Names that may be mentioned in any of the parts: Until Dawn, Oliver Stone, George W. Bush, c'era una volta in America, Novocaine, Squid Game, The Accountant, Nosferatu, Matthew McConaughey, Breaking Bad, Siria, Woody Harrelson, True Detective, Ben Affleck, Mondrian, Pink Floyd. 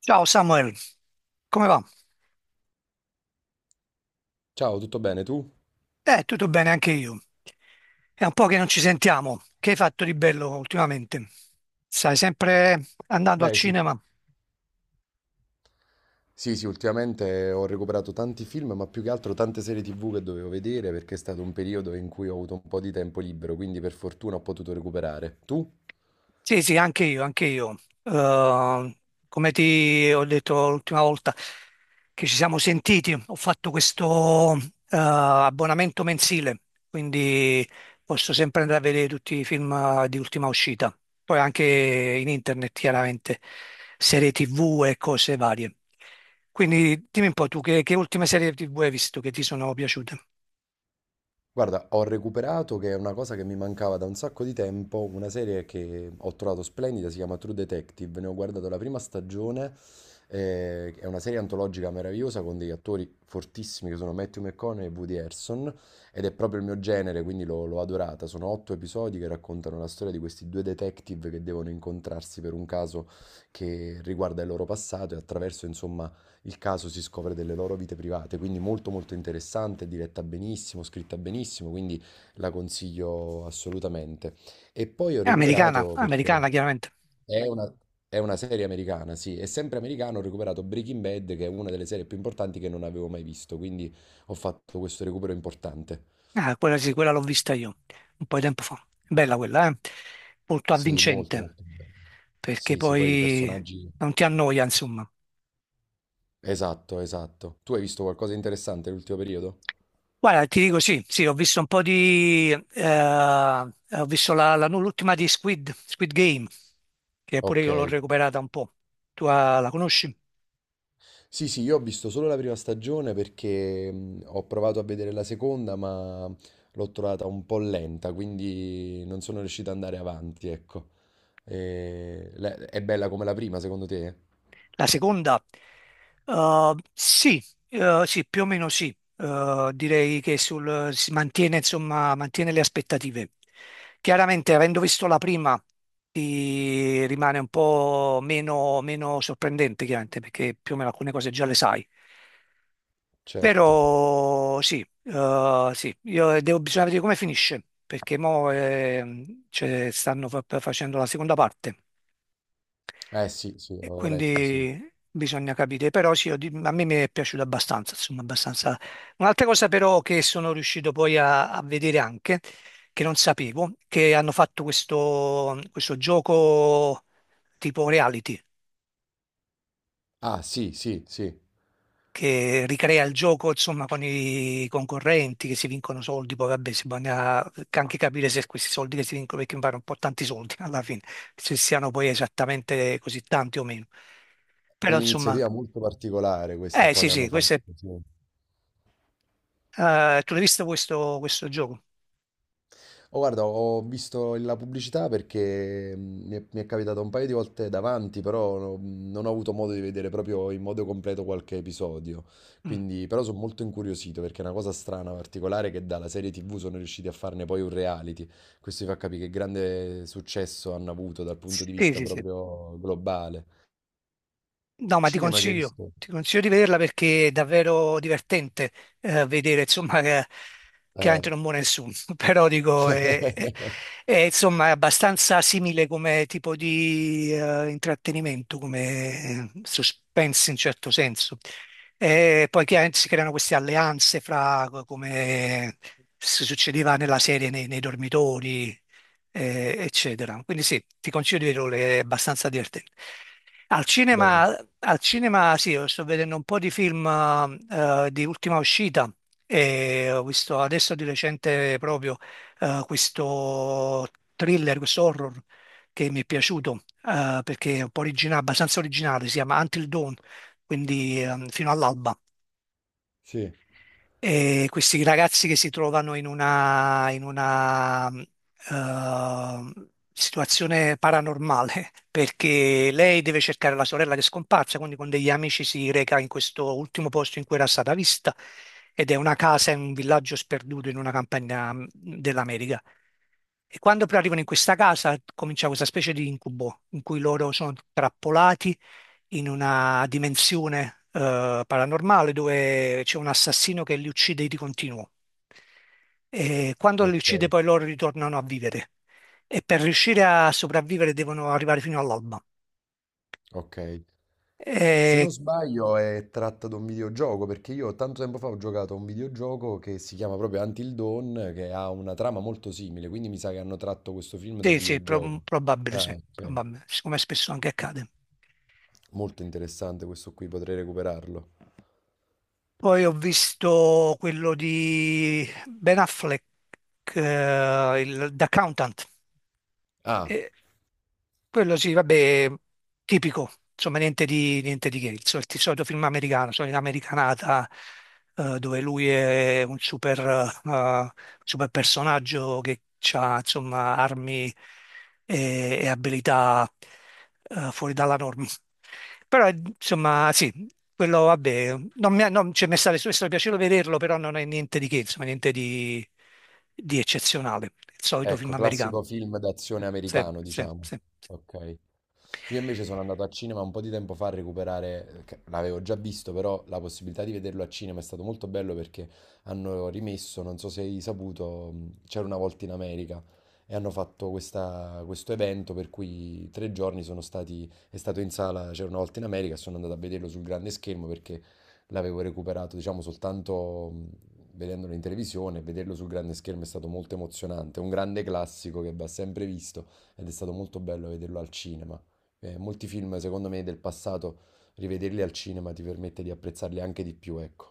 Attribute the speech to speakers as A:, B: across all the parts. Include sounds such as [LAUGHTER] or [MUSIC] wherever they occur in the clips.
A: Ciao Samuel, come va?
B: Ciao, tutto bene tu?
A: Tutto bene anche io. È un po' che non ci sentiamo. Che hai fatto di bello ultimamente? Stai sempre andando al
B: Beh, sì.
A: cinema?
B: Sì, sì, ultimamente ho recuperato tanti film, ma più che altro tante serie TV che dovevo vedere perché è stato un periodo in cui ho avuto un po' di tempo libero, quindi per fortuna ho potuto recuperare. Tu?
A: Sì, sì, anche io, anche io. Eh, Come ti ho detto l'ultima volta che ci siamo sentiti, ho fatto questo abbonamento mensile, quindi posso sempre andare a vedere tutti i film di ultima uscita, poi anche in internet, chiaramente, serie TV e cose varie. Quindi dimmi un po' tu che ultime serie TV hai visto che ti sono piaciute?
B: Guarda, ho recuperato, che è una cosa che mi mancava da un sacco di tempo, una serie che ho trovato splendida, si chiama True Detective, ne ho guardato la prima stagione, è una serie antologica meravigliosa con degli attori fortissimi che sono Matthew McConaughey e Woody Harrelson ed è proprio il mio genere, quindi l'ho adorata. Sono otto episodi che raccontano la storia di questi due detective che devono incontrarsi per un caso che riguarda il loro passato e attraverso, insomma, il caso si scopre delle loro vite private, quindi molto molto interessante, diretta benissimo, scritta benissimo, quindi la consiglio assolutamente. E poi ho
A: È americana,
B: recuperato perché
A: americana chiaramente.
B: è una, è una serie americana, sì, è sempre americana, ho recuperato Breaking Bad, che è una delle serie più importanti che non avevo mai visto, quindi ho fatto questo recupero importante.
A: Ah, quella sì, quella l'ho vista io un po' di tempo fa. Bella quella, eh? Molto
B: Sì, molto
A: avvincente,
B: molto bello.
A: perché
B: Sì, sì, poi i
A: poi
B: personaggi...
A: non ti annoia, insomma.
B: Esatto, esatto. Tu hai visto qualcosa di interessante nell'ultimo periodo?
A: Guarda, ti dico sì, sì, ho visto un po' di... ho visto l'ultima di Squid Game, che pure
B: Ok.
A: io l'ho recuperata un po'. Tu ah, la conosci?
B: Sì, sì, io ho visto solo la prima stagione perché ho provato a vedere la seconda, ma l'ho trovata un po' lenta, quindi non sono riuscito ad andare avanti, ecco. È bella come la prima, secondo te?
A: La seconda? Sì, sì, più o meno sì. Direi che si mantiene, insomma, mantiene le aspettative. Chiaramente, avendo visto la prima, ti rimane un po' meno, meno sorprendente, chiaramente, perché più o meno alcune cose già le sai.
B: Certo.
A: Però sì, sì, bisogna vedere come finisce, perché mo cioè, stanno facendo la seconda parte
B: Eh sì, sì,
A: e
B: avevo letto, sì.
A: quindi bisogna capire, però sì, a me mi è piaciuto abbastanza, insomma, abbastanza. Un'altra cosa però che sono riuscito poi a vedere anche, che non sapevo, che hanno fatto questo gioco tipo reality,
B: Ah, sì, sì, sì.
A: che ricrea il gioco, insomma, con i concorrenti che si vincono soldi, poi vabbè, si bisogna anche capire se questi soldi che si vincono, perché mi pare un po' tanti soldi [LAUGHS] alla fine, se siano poi esattamente così tanti o meno. Però insomma,
B: Un'iniziativa molto particolare questa
A: eh
B: qua
A: sì,
B: che hanno
A: sì,
B: fatto,
A: questo è.
B: sì.
A: Tu l'hai visto questo gioco?
B: Oh, guarda, ho visto la pubblicità perché mi è capitato un paio di volte davanti, però non ho avuto modo di vedere proprio in modo completo qualche episodio.
A: Mm.
B: Quindi, però sono molto incuriosito perché è una cosa strana, particolare, che dalla serie TV sono riusciti a farne poi un reality. Questo vi fa capire che grande successo hanno avuto dal punto di
A: Sì,
B: vista
A: sì, sì.
B: proprio globale.
A: No, ma
B: Cinema che hai visto?
A: ti consiglio di vederla perché è davvero divertente vedere, insomma, che
B: Eh.
A: chiaramente non muore nessuno, [LAUGHS] però dico,
B: [LAUGHS]
A: è, insomma, è abbastanza simile come tipo di intrattenimento, come suspense in certo senso. E poi chiaramente si creano queste alleanze fra come si succedeva nella serie nei dormitori eccetera. Quindi sì, ti consiglio di vederlo, è abbastanza divertente. Al
B: Bene,
A: cinema Al cinema sì, io sto vedendo un po' di film di ultima uscita e ho visto adesso di recente proprio questo thriller, questo horror che mi è piaciuto perché è un po' originale, abbastanza originale, si chiama Until Dawn, quindi fino all'alba.
B: sì,
A: E questi ragazzi che si trovano in una situazione paranormale, [LAUGHS] perché lei deve cercare la sorella che è scomparsa, quindi con degli amici si reca in questo ultimo posto in cui era stata vista, ed è una casa in un villaggio sperduto in una campagna dell'America. E quando poi arrivano in questa casa comincia questa specie di incubo in cui loro sono trappolati in una dimensione paranormale dove c'è un assassino che li uccide di continuo. E quando li
B: ok,
A: uccide poi loro ritornano a vivere e per riuscire a sopravvivere devono arrivare fino all'alba.
B: ok. Se
A: E,
B: non sbaglio è tratta da un videogioco, perché io tanto tempo fa ho giocato a un videogioco che si chiama proprio Until Dawn, che ha una trama molto simile, quindi mi sa che hanno tratto questo film dal
A: sì, sì,
B: videogioco.
A: probabile,
B: Ah,
A: sì,
B: ok.
A: probabile, siccome spesso anche accade.
B: Molto interessante questo qui, potrei recuperarlo.
A: Poi ho visto quello di Ben Affleck, The Accountant.
B: Ah,
A: E quello sì, vabbè, tipico, insomma, niente di che, il solito film americano, solita americanata, dove lui è un super, eh, super personaggio che ha, insomma, armi e abilità, fuori dalla norma. Però, insomma, sì, quello, vabbè, non mi, ha- non, cioè, mi è stato piacevole vederlo, però non è niente di che, insomma, niente di, di eccezionale, il solito film
B: ecco,
A: americano.
B: classico film d'azione
A: Sì,
B: americano,
A: sì,
B: diciamo.
A: sì.
B: Ok. Io invece sono andato a cinema un po' di tempo fa a recuperare, che l'avevo già visto, però la possibilità di vederlo a cinema è stato molto bello perché hanno rimesso, non so se hai saputo, c'era una volta in America e hanno fatto questo evento per cui tre giorni sono stati, è stato in sala, c'era una volta in America, e sono andato a vederlo sul grande schermo perché l'avevo recuperato, diciamo, soltanto vedendolo in televisione, e vederlo sul grande schermo è stato molto emozionante, un grande classico che va sempre visto ed è stato molto bello vederlo al cinema. Molti film, secondo me, del passato, rivederli al cinema ti permette di apprezzarli anche di più, ecco.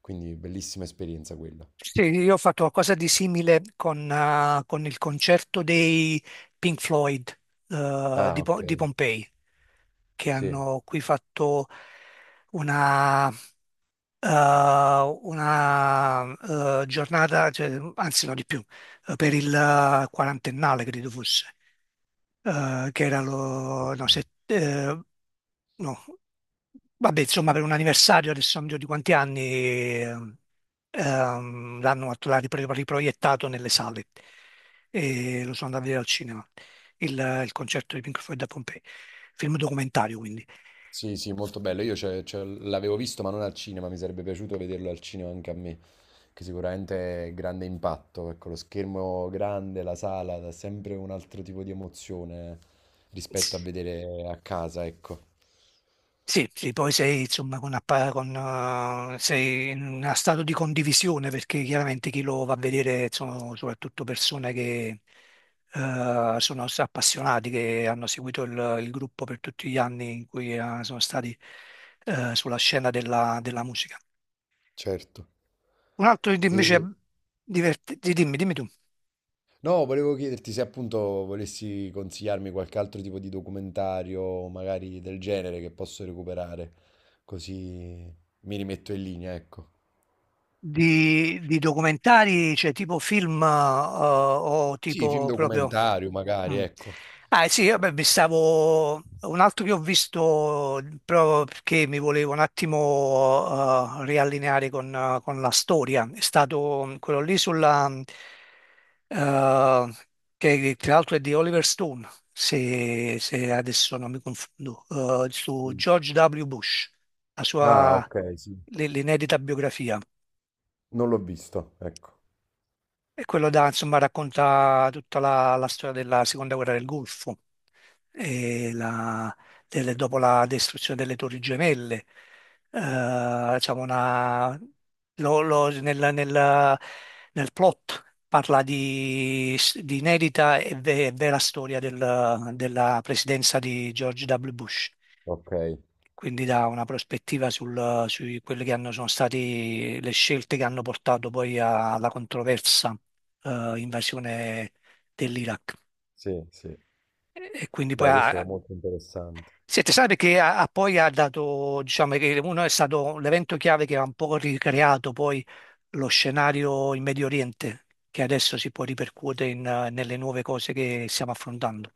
B: Quindi bellissima esperienza quella.
A: Sì, io ho fatto qualcosa di simile con il concerto dei Pink Floyd, eh,
B: Ah,
A: di, Po-
B: ok.
A: di Pompei, che
B: Sì.
A: hanno qui fatto una, una, giornata, cioè, anzi no di più, per il quarantennale credo fosse. Che era lo,
B: Ok.
A: no, se- no, Vabbè, insomma, per un anniversario, adesso non mi ricordo di quanti anni, ehm, l'hanno fatto- l'ha ripro- riproiettato nelle sale e lo sono andato a vedere al cinema, il concerto di Pink Floyd a Pompei, film documentario quindi.
B: Sì, sì, molto bello. Io l'avevo visto, ma non al cinema, mi sarebbe piaciuto vederlo al cinema anche a me, che sicuramente è grande impatto. Ecco, lo schermo grande, la sala, dà sempre un altro tipo di emozione rispetto a vedere a casa, ecco.
A: Sì, sì, poi sei insomma con, sei in uno stato di condivisione perché chiaramente chi lo va a vedere sono soprattutto persone che sono appassionati, che hanno seguito il gruppo per tutti gli anni in cui sono stati sulla scena della musica.
B: Certo.
A: Un altro invece,
B: E
A: dimmi, dimmi tu.
B: no, volevo chiederti se appunto volessi consigliarmi qualche altro tipo di documentario, magari del genere, che posso recuperare, così mi rimetto in linea, ecco.
A: Di documentari, cioè tipo film o
B: Sì, film
A: tipo proprio...
B: documentario, magari,
A: Mm.
B: ecco.
A: Ah sì, vabbè, mi stavo... Un altro che ho visto proprio perché mi volevo un attimo riallineare con la storia è stato quello lì sulla... eh, che tra l'altro è di Oliver Stone, se adesso non mi confondo, su
B: Mm.
A: George W. Bush, la
B: Ah,
A: sua
B: ok, sì.
A: l'inedita biografia.
B: Non l'ho visto, ecco.
A: E quello da, insomma, racconta tutta la storia della seconda guerra del Golfo, e la- dopo la distruzione delle Torri Gemelle. Diciamo lo- lo- nel, nel- nel plot parla di inedita e vera storia della presidenza di George W. Bush,
B: Ok,
A: quindi dà una prospettiva su quelle che hanno, sono state le scelte che hanno portato alla controversa invasione dell'Iraq.
B: sì, sì.
A: E quindi poi
B: Beh, questo è
A: ha,
B: molto interessante,
A: si è tesoro perché ha, ha poi ha dato, diciamo che uno è stato l'evento chiave che ha un po' ricreato poi lo scenario in Medio Oriente, che adesso si può ripercuotere in, nelle nuove cose che stiamo affrontando,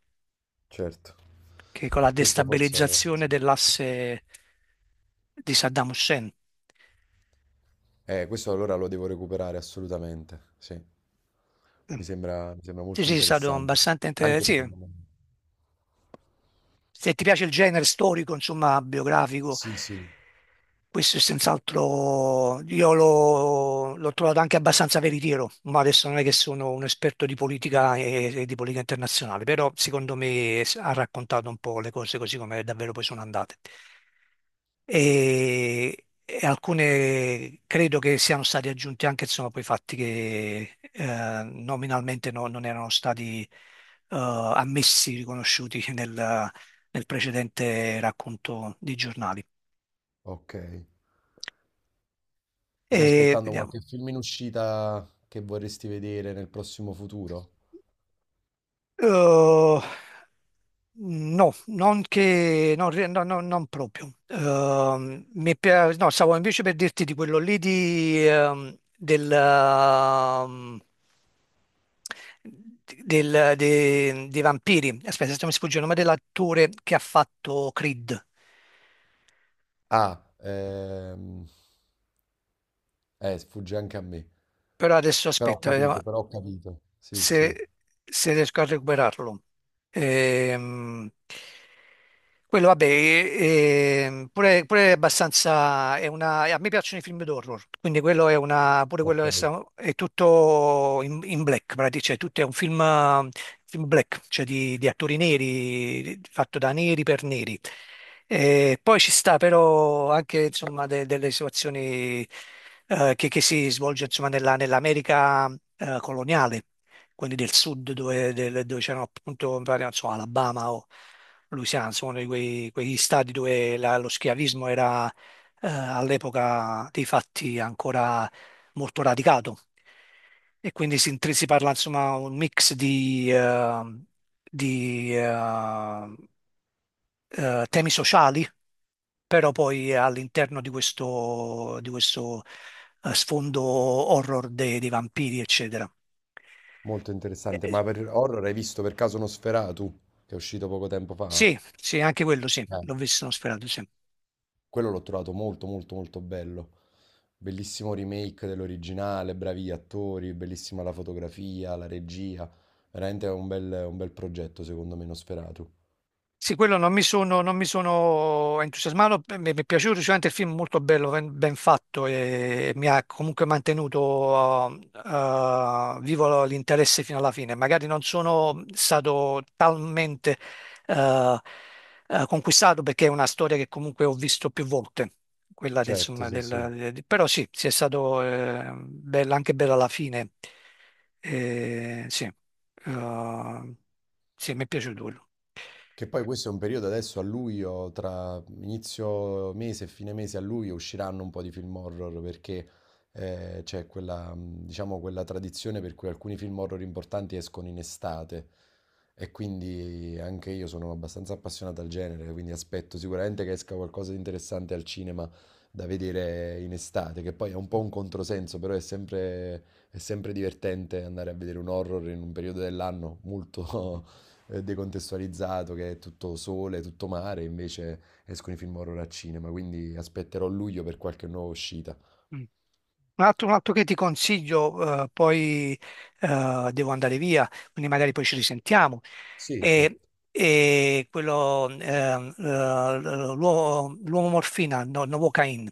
B: certo.
A: che è con la
B: Questo forse...
A: destabilizzazione dell'asse di Saddam Hussein.
B: Questo allora lo devo recuperare assolutamente, sì. Mi sembra
A: Sì,
B: molto
A: sì, è stato
B: interessante.
A: abbastanza
B: Anche per il
A: interessante
B: momento.
A: se ti piace il genere storico, insomma, biografico,
B: Sì, sì,
A: questo è senz'altro, l'ho trovato anche abbastanza veritiero, ma adesso non è che sono un esperto di politica e di politica internazionale, però secondo me ha raccontato un po' le cose così come davvero poi sono andate. E alcune credo che siano stati aggiunti anche insomma, poi fatti che nominalmente non erano stati ammessi, riconosciuti nel precedente racconto di giornali.
B: ok. Stai
A: E
B: aspettando
A: vediamo.
B: qualche film in uscita che vorresti vedere nel prossimo futuro?
A: Eh, no, non che, non, re- no, no, non proprio. No, stavo invece per dirti di quello lì di, del, dei vampiri. Aspetta, se mi sfugge il nome dell'attore che ha fatto Creed.
B: Ah, sfugge anche a me.
A: Però adesso
B: Però ho
A: aspetta, vediamo.
B: capito, però ho capito. Sì, sì,
A: se, Se riesco a recuperarlo. Ehm, quello, vabbè, e pure, pure è abbastanza. È una, a me piacciono i film d'horror, quindi quello è una. Pure quello
B: ok.
A: è, è tutto in black, praticamente, cioè tutto è un film, film black, cioè di attori neri, fatto da neri per neri. E poi ci sta però anche insomma, delle situazioni che si svolge insomma, nell'America coloniale quindi del sud dove c'erano appunto, mi pare, non so, Alabama o Louisiana, insomma, uno di quegli stati dove lo schiavismo era all'epoca dei fatti ancora molto radicato. E quindi si parla insomma un mix di, temi sociali, però poi all'interno di di questo, sfondo horror dei vampiri, eccetera.
B: Molto interessante.
A: Eh,
B: Ma per horror hai visto per caso Nosferatu, che è uscito poco tempo fa?
A: sì, sì, anche quello sì,
B: Eh,
A: l'ho visto, l'ho sperato, sì.
B: quello l'ho trovato molto, molto, molto bello. Bellissimo remake dell'originale, bravi attori, bellissima la fotografia, la regia. Veramente è un bel progetto, secondo me, Nosferatu.
A: Sì, quello non mi sono entusiasmato, beh, mi è piaciuto sicuramente il film, molto bello, ben, ben fatto e mi ha comunque mantenuto vivo l'interesse fino alla fine. Magari non sono stato talmente eh, conquistato perché è una storia che comunque ho visto più volte, quella del,
B: Certo,
A: insomma,
B: sì, sì.
A: però sì, sì, è stato bello, anche bello alla fine. Sì, sì, mi è piaciuto quello.
B: Che poi questo è un periodo adesso a luglio, tra inizio mese e fine mese a luglio usciranno un po' di film horror perché c'è quella, diciamo, quella tradizione per cui alcuni film horror importanti escono in estate e quindi anche io sono abbastanza appassionato al genere, quindi aspetto sicuramente che esca qualcosa di interessante al cinema da vedere in estate, che poi è un po' un controsenso, però è sempre divertente andare a vedere un horror in un periodo dell'anno molto... decontestualizzato, che è tutto sole, tutto mare, invece escono i film horror al cinema, quindi aspetterò luglio per qualche nuova uscita.
A: Mm. Un altro che ti consiglio, poi devo andare via, quindi magari poi ci risentiamo.
B: Sì,
A: È,
B: certo.
A: è quello, l'uomo morfina, no, Novocaine,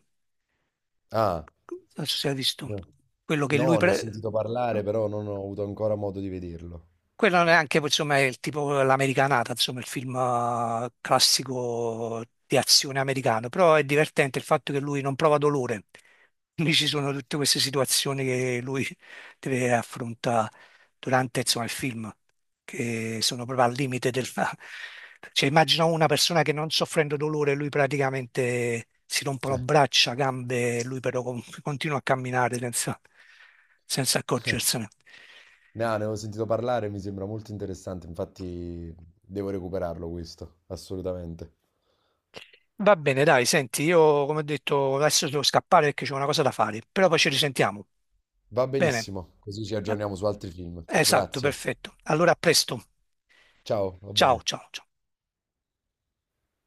B: Ah,
A: non so se hai visto,
B: no,
A: quello
B: no, ne ho sentito parlare, però non ho avuto ancora modo di vederlo.
A: quello non è anche, insomma, è il tipo l'americanata, insomma, il film classico di azione americano, però è divertente il fatto che lui non prova dolore, quindi ci sono tutte queste situazioni che lui deve affrontare durante, insomma, il film, che sono proprio al limite del... Cioè, immagino una persona che non soffrendo dolore, lui praticamente si rompono
B: Eh,
A: braccia, gambe, lui però continua a camminare senza, senza accorgersene.
B: no, ne ho sentito parlare, mi sembra molto interessante, infatti devo recuperarlo questo, assolutamente.
A: Va bene, dai, senti, io come ho detto adesso devo scappare perché c'è una cosa da fare, però poi ci risentiamo.
B: Va
A: Bene.
B: benissimo, così ci
A: Eh,
B: aggiorniamo su altri film.
A: Esatto,
B: Grazie.
A: perfetto. Allora a presto.
B: Ciao, va
A: Ciao,
B: bene.
A: ciao, ciao.